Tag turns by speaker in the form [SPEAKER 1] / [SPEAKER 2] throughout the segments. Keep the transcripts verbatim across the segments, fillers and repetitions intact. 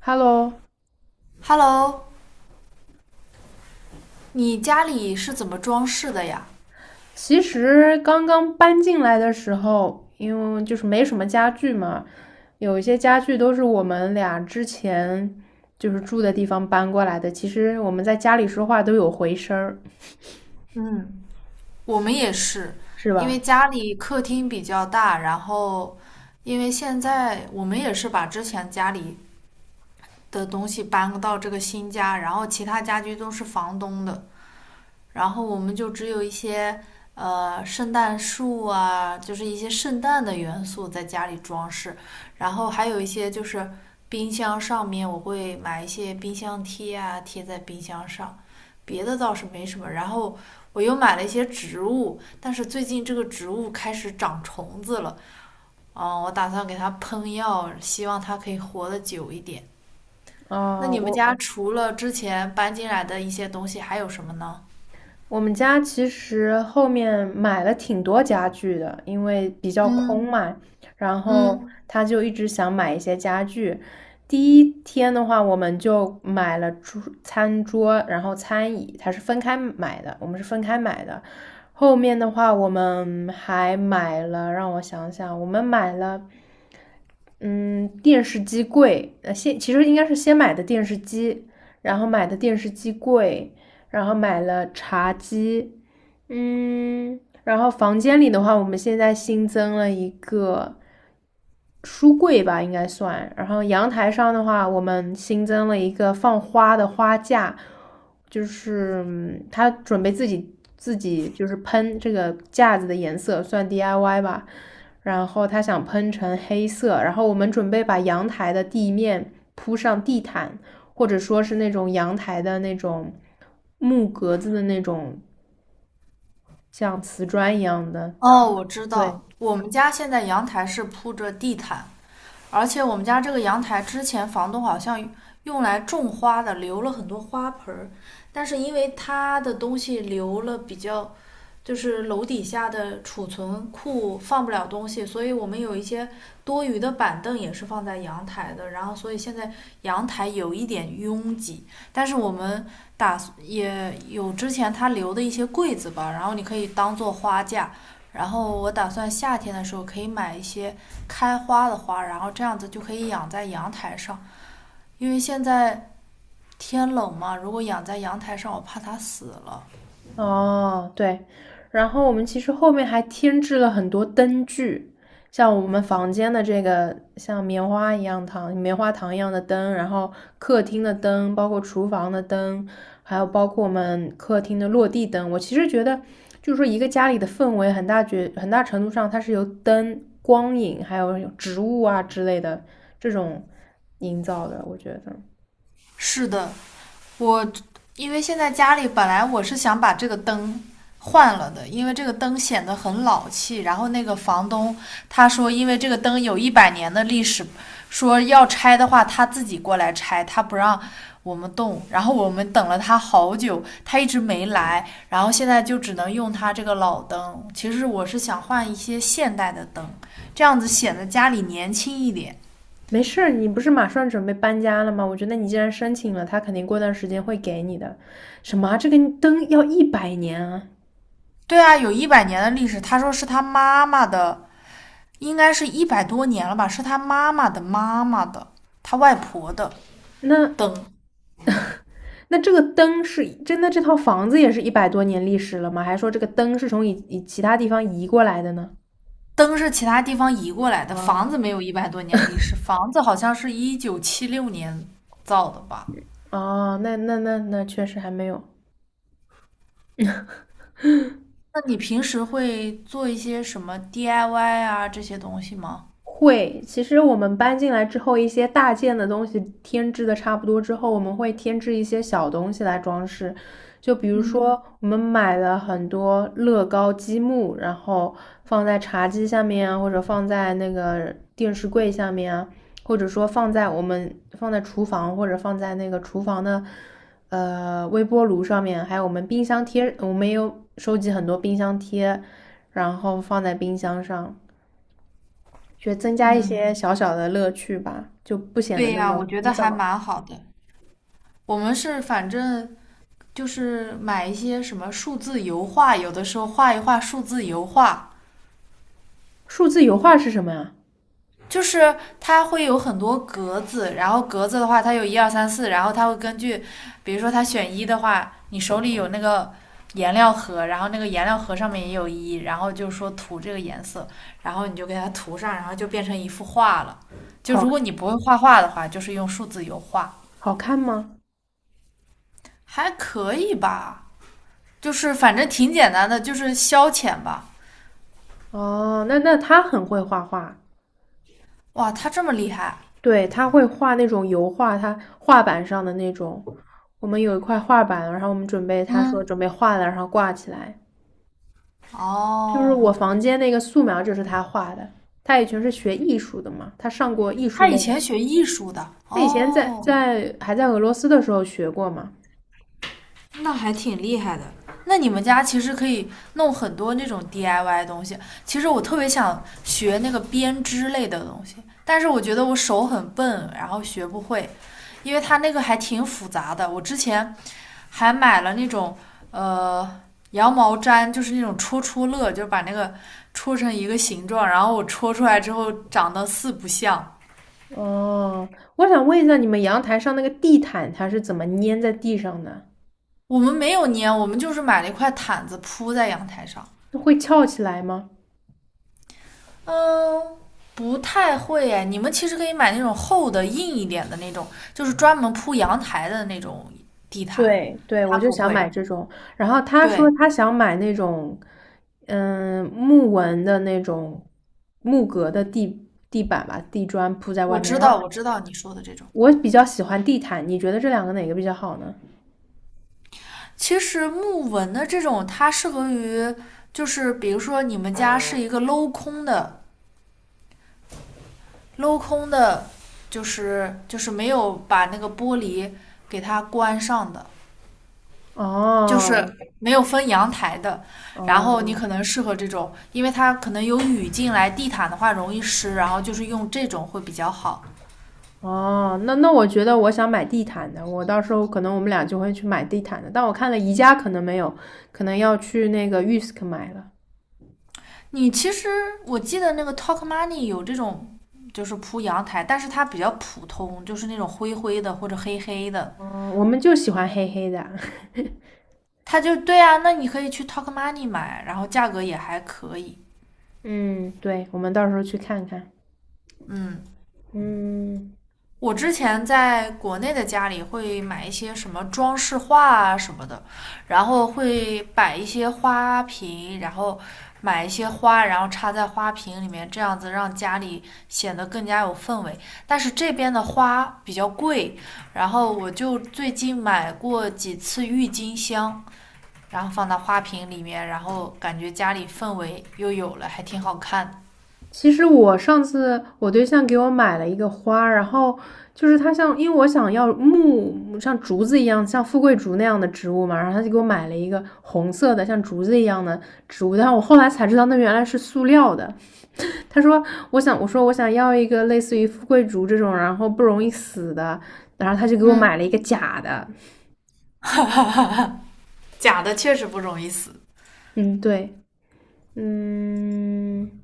[SPEAKER 1] Hello，
[SPEAKER 2] Hello，你家里是怎么装饰的呀？
[SPEAKER 1] 其实刚刚搬进来的时候，因为就是没什么家具嘛，有一些家具都是我们俩之前就是住的地方搬过来的。其实我们在家里说话都有回声儿，
[SPEAKER 2] 嗯，我们也是，
[SPEAKER 1] 是
[SPEAKER 2] 因为
[SPEAKER 1] 吧？
[SPEAKER 2] 家里客厅比较大，然后因为现在我们也是把之前家里的东西搬到这个新家，然后其他家具都是房东的，然后我们就只有一些呃圣诞树啊，就是一些圣诞的元素在家里装饰，然后还有一些就是冰箱上面我会买一些冰箱贴啊，贴在冰箱上，别的倒是没什么。然后我又买了一些植物，但是最近这个植物开始长虫子了，嗯，我打算给它喷药，希望它可以活得久一点。那
[SPEAKER 1] 啊、
[SPEAKER 2] 你们家
[SPEAKER 1] 我
[SPEAKER 2] 除了之前搬进来的一些东西，还有什么呢？
[SPEAKER 1] 我们家其实后面买了挺多家具的，因为比较空
[SPEAKER 2] 嗯
[SPEAKER 1] 嘛，然后
[SPEAKER 2] 嗯。
[SPEAKER 1] 他就一直想买一些家具。第一天的话，我们就买了桌、餐桌，然后餐椅，他是分开买的，我们是分开买的。后面的话，我们还买了，让我想想，我们买了。嗯，电视机柜，呃，先其实应该是先买的电视机，然后买的电视机柜，然后买了茶几，嗯，然后房间里的话，我们现在新增了一个书柜吧，应该算。然后阳台上的话，我们新增了一个放花的花架，就是嗯他准备自己自己就是喷这个架子的颜色，算 D I Y 吧。然后他想喷成黑色，然后我们准备把阳台的地面铺上地毯，或者说是那种阳台的那种木格子的那种像瓷砖一样的。
[SPEAKER 2] 哦，我知
[SPEAKER 1] 对，
[SPEAKER 2] 道，我们家现在阳台是铺着地毯，而且我们家这个阳台之前房东好像用来种花的，留了很多花盆儿，但是因为他的东西留了比较，就是楼底下的储存库放不了东西，所以我们有一些多余的板凳也是放在阳台的，然后所以现在阳台有一点拥挤，但是我们打也有之前他留的一些柜子吧，然后你可以当做花架。然后我打算夏天的时候可以买一些开花的花，然后这样子就可以养在阳台上，因为现在天冷嘛，如果养在阳台上，我怕它死了。
[SPEAKER 1] 哦，对，然后我们其实后面还添置了很多灯具，像我们房间的这个像棉花一样糖、棉花糖一样的灯，然后客厅的灯，包括厨房的灯，还有包括我们客厅的落地灯。我其实觉得，就是说一个家里的氛围很大觉很大程度上它是由灯、光影，还有植物啊之类的这种营造的，我觉得。
[SPEAKER 2] 是的，我因为现在家里本来我是想把这个灯换了的，因为这个灯显得很老气。然后那个房东他说，因为这个灯有一百年的历史，说要拆的话他自己过来拆，他不让我们动。然后我们等了他好久，他一直没来。然后现在就只能用他这个老灯。其实我是想换一些现代的灯，这样子显得家里年轻一点。
[SPEAKER 1] 没事儿，你不是马上准备搬家了吗？我觉得你既然申请了，他肯定过段时间会给你的。什么啊这个灯要一百年啊？
[SPEAKER 2] 对啊，有一百年的历史。他说是他妈妈的应该是一百多年了吧，是他妈妈的妈妈的，他外婆的
[SPEAKER 1] 那
[SPEAKER 2] 灯。
[SPEAKER 1] 那这个灯是真的？这套房子也是一百多年历史了吗？还是说这个灯是从以以其他地方移过来的呢？
[SPEAKER 2] 灯是其他地方移过来的，
[SPEAKER 1] 啊
[SPEAKER 2] 房子没有一百多年历史，房子好像是一九七六年造的吧？
[SPEAKER 1] 哦，那那那那确实还没有。
[SPEAKER 2] 那你平时会做一些什么 D I Y 啊这些东西吗？
[SPEAKER 1] 会，其实我们搬进来之后，一些大件的东西添置的差不多之后，我们会添置一些小东西来装饰。就比如
[SPEAKER 2] 嗯
[SPEAKER 1] 说，我们买了很多乐高积木，然后放在茶几下面啊，或者放在那个电视柜下面啊，或者说放在我们放在厨房，或者放在那个厨房的呃微波炉上面，还有我们冰箱贴，我们也有收集很多冰箱贴，然后放在冰箱上。觉得增加一
[SPEAKER 2] 嗯，
[SPEAKER 1] 些小小的乐趣吧，就不显得
[SPEAKER 2] 对
[SPEAKER 1] 那
[SPEAKER 2] 呀，
[SPEAKER 1] 么。
[SPEAKER 2] 我觉得还蛮好的。我们是反正就是买一些什么数字油画，有的时候画一画数字油画，
[SPEAKER 1] 数字油画是什么呀？
[SPEAKER 2] 就是它会有很多格子，然后格子的话，它有一二三四，然后它会根据，比如说它选一的话，你手里有那个颜料盒，然后那个颜料盒上面也有一，然后就说涂这个颜色，然后你就给它涂上，然后就变成一幅画了。就
[SPEAKER 1] 好。
[SPEAKER 2] 如果你不会画画的话，就是用数字油画，
[SPEAKER 1] 好看吗？
[SPEAKER 2] 还可以吧，就是反正挺简单的，就是消遣吧。
[SPEAKER 1] 哦，那那他很会画画，
[SPEAKER 2] 哇，他这么厉害，
[SPEAKER 1] 对，他会画那种油画，他画板上的那种。我们有一块画板，然后我们准备，他说
[SPEAKER 2] 嗯，
[SPEAKER 1] 准备画了，然后挂起来。就是
[SPEAKER 2] 哦，
[SPEAKER 1] 我房间那个素描就是他画的，他以前是学艺术的嘛，他上过艺术
[SPEAKER 2] 他
[SPEAKER 1] 类
[SPEAKER 2] 以
[SPEAKER 1] 的，
[SPEAKER 2] 前学艺术的，
[SPEAKER 1] 他以前在
[SPEAKER 2] 哦。
[SPEAKER 1] 在还在俄罗斯的时候学过嘛，
[SPEAKER 2] 那还挺厉害的。那你们家其实可以弄很多那种 D I Y 东西。其实我特别想学那个编织类的东西，但是我觉得我手很笨，然后学不会，因为它那个还挺复杂的。我之前还买了那种呃羊毛毡，就是那种戳戳乐，就是把那个戳成一个形状，然后我戳出来之后长得四不像。
[SPEAKER 1] 哦，我想问一下，你们阳台上那个地毯它是怎么粘在地上的？
[SPEAKER 2] 我们没有粘，我们就是买了一块毯子铺在阳台上。
[SPEAKER 1] 会翘起来吗？
[SPEAKER 2] 嗯，不太会哎。你们其实可以买那种厚的、硬一点的那种，就是专门铺阳台的那种地毯。
[SPEAKER 1] 对对，我
[SPEAKER 2] 它
[SPEAKER 1] 就
[SPEAKER 2] 不
[SPEAKER 1] 想
[SPEAKER 2] 会。
[SPEAKER 1] 买这种。然后他说
[SPEAKER 2] 对，
[SPEAKER 1] 他想买那种，嗯，木纹的那种木格的地地板吧，地砖铺在
[SPEAKER 2] 我
[SPEAKER 1] 外面。
[SPEAKER 2] 知
[SPEAKER 1] 然
[SPEAKER 2] 道，
[SPEAKER 1] 后
[SPEAKER 2] 我知道你说的这种。
[SPEAKER 1] 我比较喜欢地毯，你觉得这两个哪个比较好呢？
[SPEAKER 2] 其实木纹的这种，它适合于，就是比如说你们家是一个镂空的，镂空的，就是就是没有把那个玻璃给它关上的。就是
[SPEAKER 1] 哦
[SPEAKER 2] 没有分阳台的。然后你
[SPEAKER 1] 哦，
[SPEAKER 2] 可能适合这种，因为它可能有雨进来，地毯的话容易湿，然后就是用这种会比较好。
[SPEAKER 1] 哦，那那我觉得我想买地毯的，我到时候可能我们俩就会去买地毯的。但我看了宜家可能没有，可能要去那个 Yusk 买了。
[SPEAKER 2] 你其实我记得那个 Talk Money 有这种，就是铺阳台，但是它比较普通，就是那种灰灰的或者黑黑的。
[SPEAKER 1] 哦，我们就喜欢黑黑的。
[SPEAKER 2] 它就对啊，那你可以去 Talk Money 买，然后价格也还可以。
[SPEAKER 1] 嗯，对，我们到时候去看看。
[SPEAKER 2] 嗯，
[SPEAKER 1] 嗯，
[SPEAKER 2] 我之前在国内的家里会买一些什么装饰画啊什么的，然后会摆一些花瓶，然后买一些花，然后插在花瓶里面，这样子让家里显得更加有氛围。但是这边的花比较贵，然后我就最近买过几次郁金香，然后放到花瓶里面，然后感觉家里氛围又有了，还挺好看。
[SPEAKER 1] 其实我上次我对象给我买了一个花，然后就是它像，因为我想要木像竹子一样，像富贵竹那样的植物嘛，然后他就给我买了一个红色的像竹子一样的植物，但我后来才知道那原来是塑料的。他说：“我想，我说我想要一个类似于富贵竹这种，然后不容易死的。”然后他就给我买了一
[SPEAKER 2] 嗯，
[SPEAKER 1] 个假的。
[SPEAKER 2] 假的确实不容易死。
[SPEAKER 1] 嗯，对，嗯，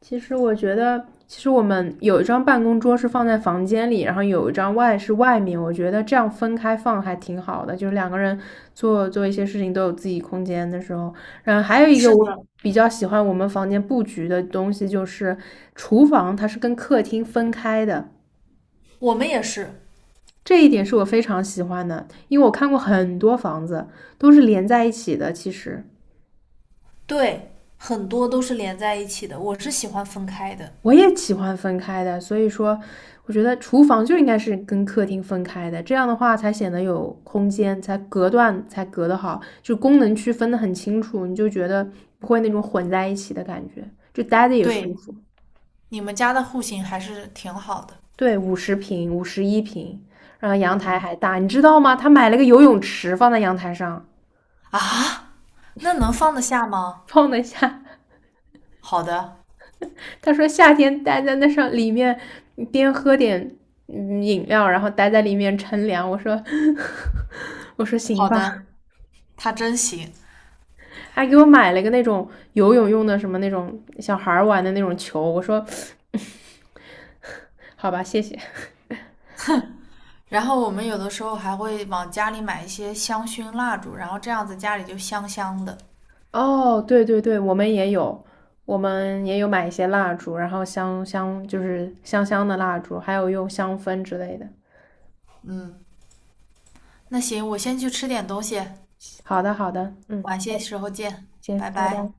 [SPEAKER 1] 其实我觉得，其实我们有一张办公桌是放在房间里，然后有一张外是外面。我觉得这样分开放还挺好的，就是两个人做做一些事情都有自己空间的时候。然后还有一个
[SPEAKER 2] 是的，
[SPEAKER 1] 我比较喜欢我们房间布局的东西，就是厨房它是跟客厅分开的。
[SPEAKER 2] 我们也是，
[SPEAKER 1] 这一点是我非常喜欢的，因为我看过很多房子都是连在一起的。其实
[SPEAKER 2] 对，很多都是连在一起的，我是喜欢分开的。
[SPEAKER 1] 我也喜欢分开的，所以说我觉得厨房就应该是跟客厅分开的，这样的话才显得有空间，才隔断才隔得好，就功能区分得很清楚，你就觉得不会那种混在一起的感觉，就待着也舒
[SPEAKER 2] 对，
[SPEAKER 1] 服。
[SPEAKER 2] 你们家的户型还是挺好的。
[SPEAKER 1] 对，五十平、五十一平，然后阳台
[SPEAKER 2] 嗯，
[SPEAKER 1] 还大，你知道吗？他买了个游泳池放在阳台上，
[SPEAKER 2] 啊，那能放得下吗？
[SPEAKER 1] 放得下。
[SPEAKER 2] 好的，
[SPEAKER 1] 他说夏天待在那上里面，边喝点嗯饮料，然后待在里面乘凉。我说，我说行
[SPEAKER 2] 好
[SPEAKER 1] 吧，
[SPEAKER 2] 的，他真行。
[SPEAKER 1] 还给我买了个那种游泳用的什么那种小孩玩的那种球。我说，好吧，谢谢。
[SPEAKER 2] 然后我们有的时候还会往家里买一些香薰蜡烛，然后这样子家里就香香的。
[SPEAKER 1] 哦，对对对，我们也有，我们也有买一些蜡烛，然后香香就是香香的蜡烛，还有用香氛之类的。
[SPEAKER 2] 嗯，那行，我先去吃点东西，
[SPEAKER 1] 好的，好的，嗯，
[SPEAKER 2] 晚些时候见，拜
[SPEAKER 1] 行，拜
[SPEAKER 2] 拜。
[SPEAKER 1] 拜。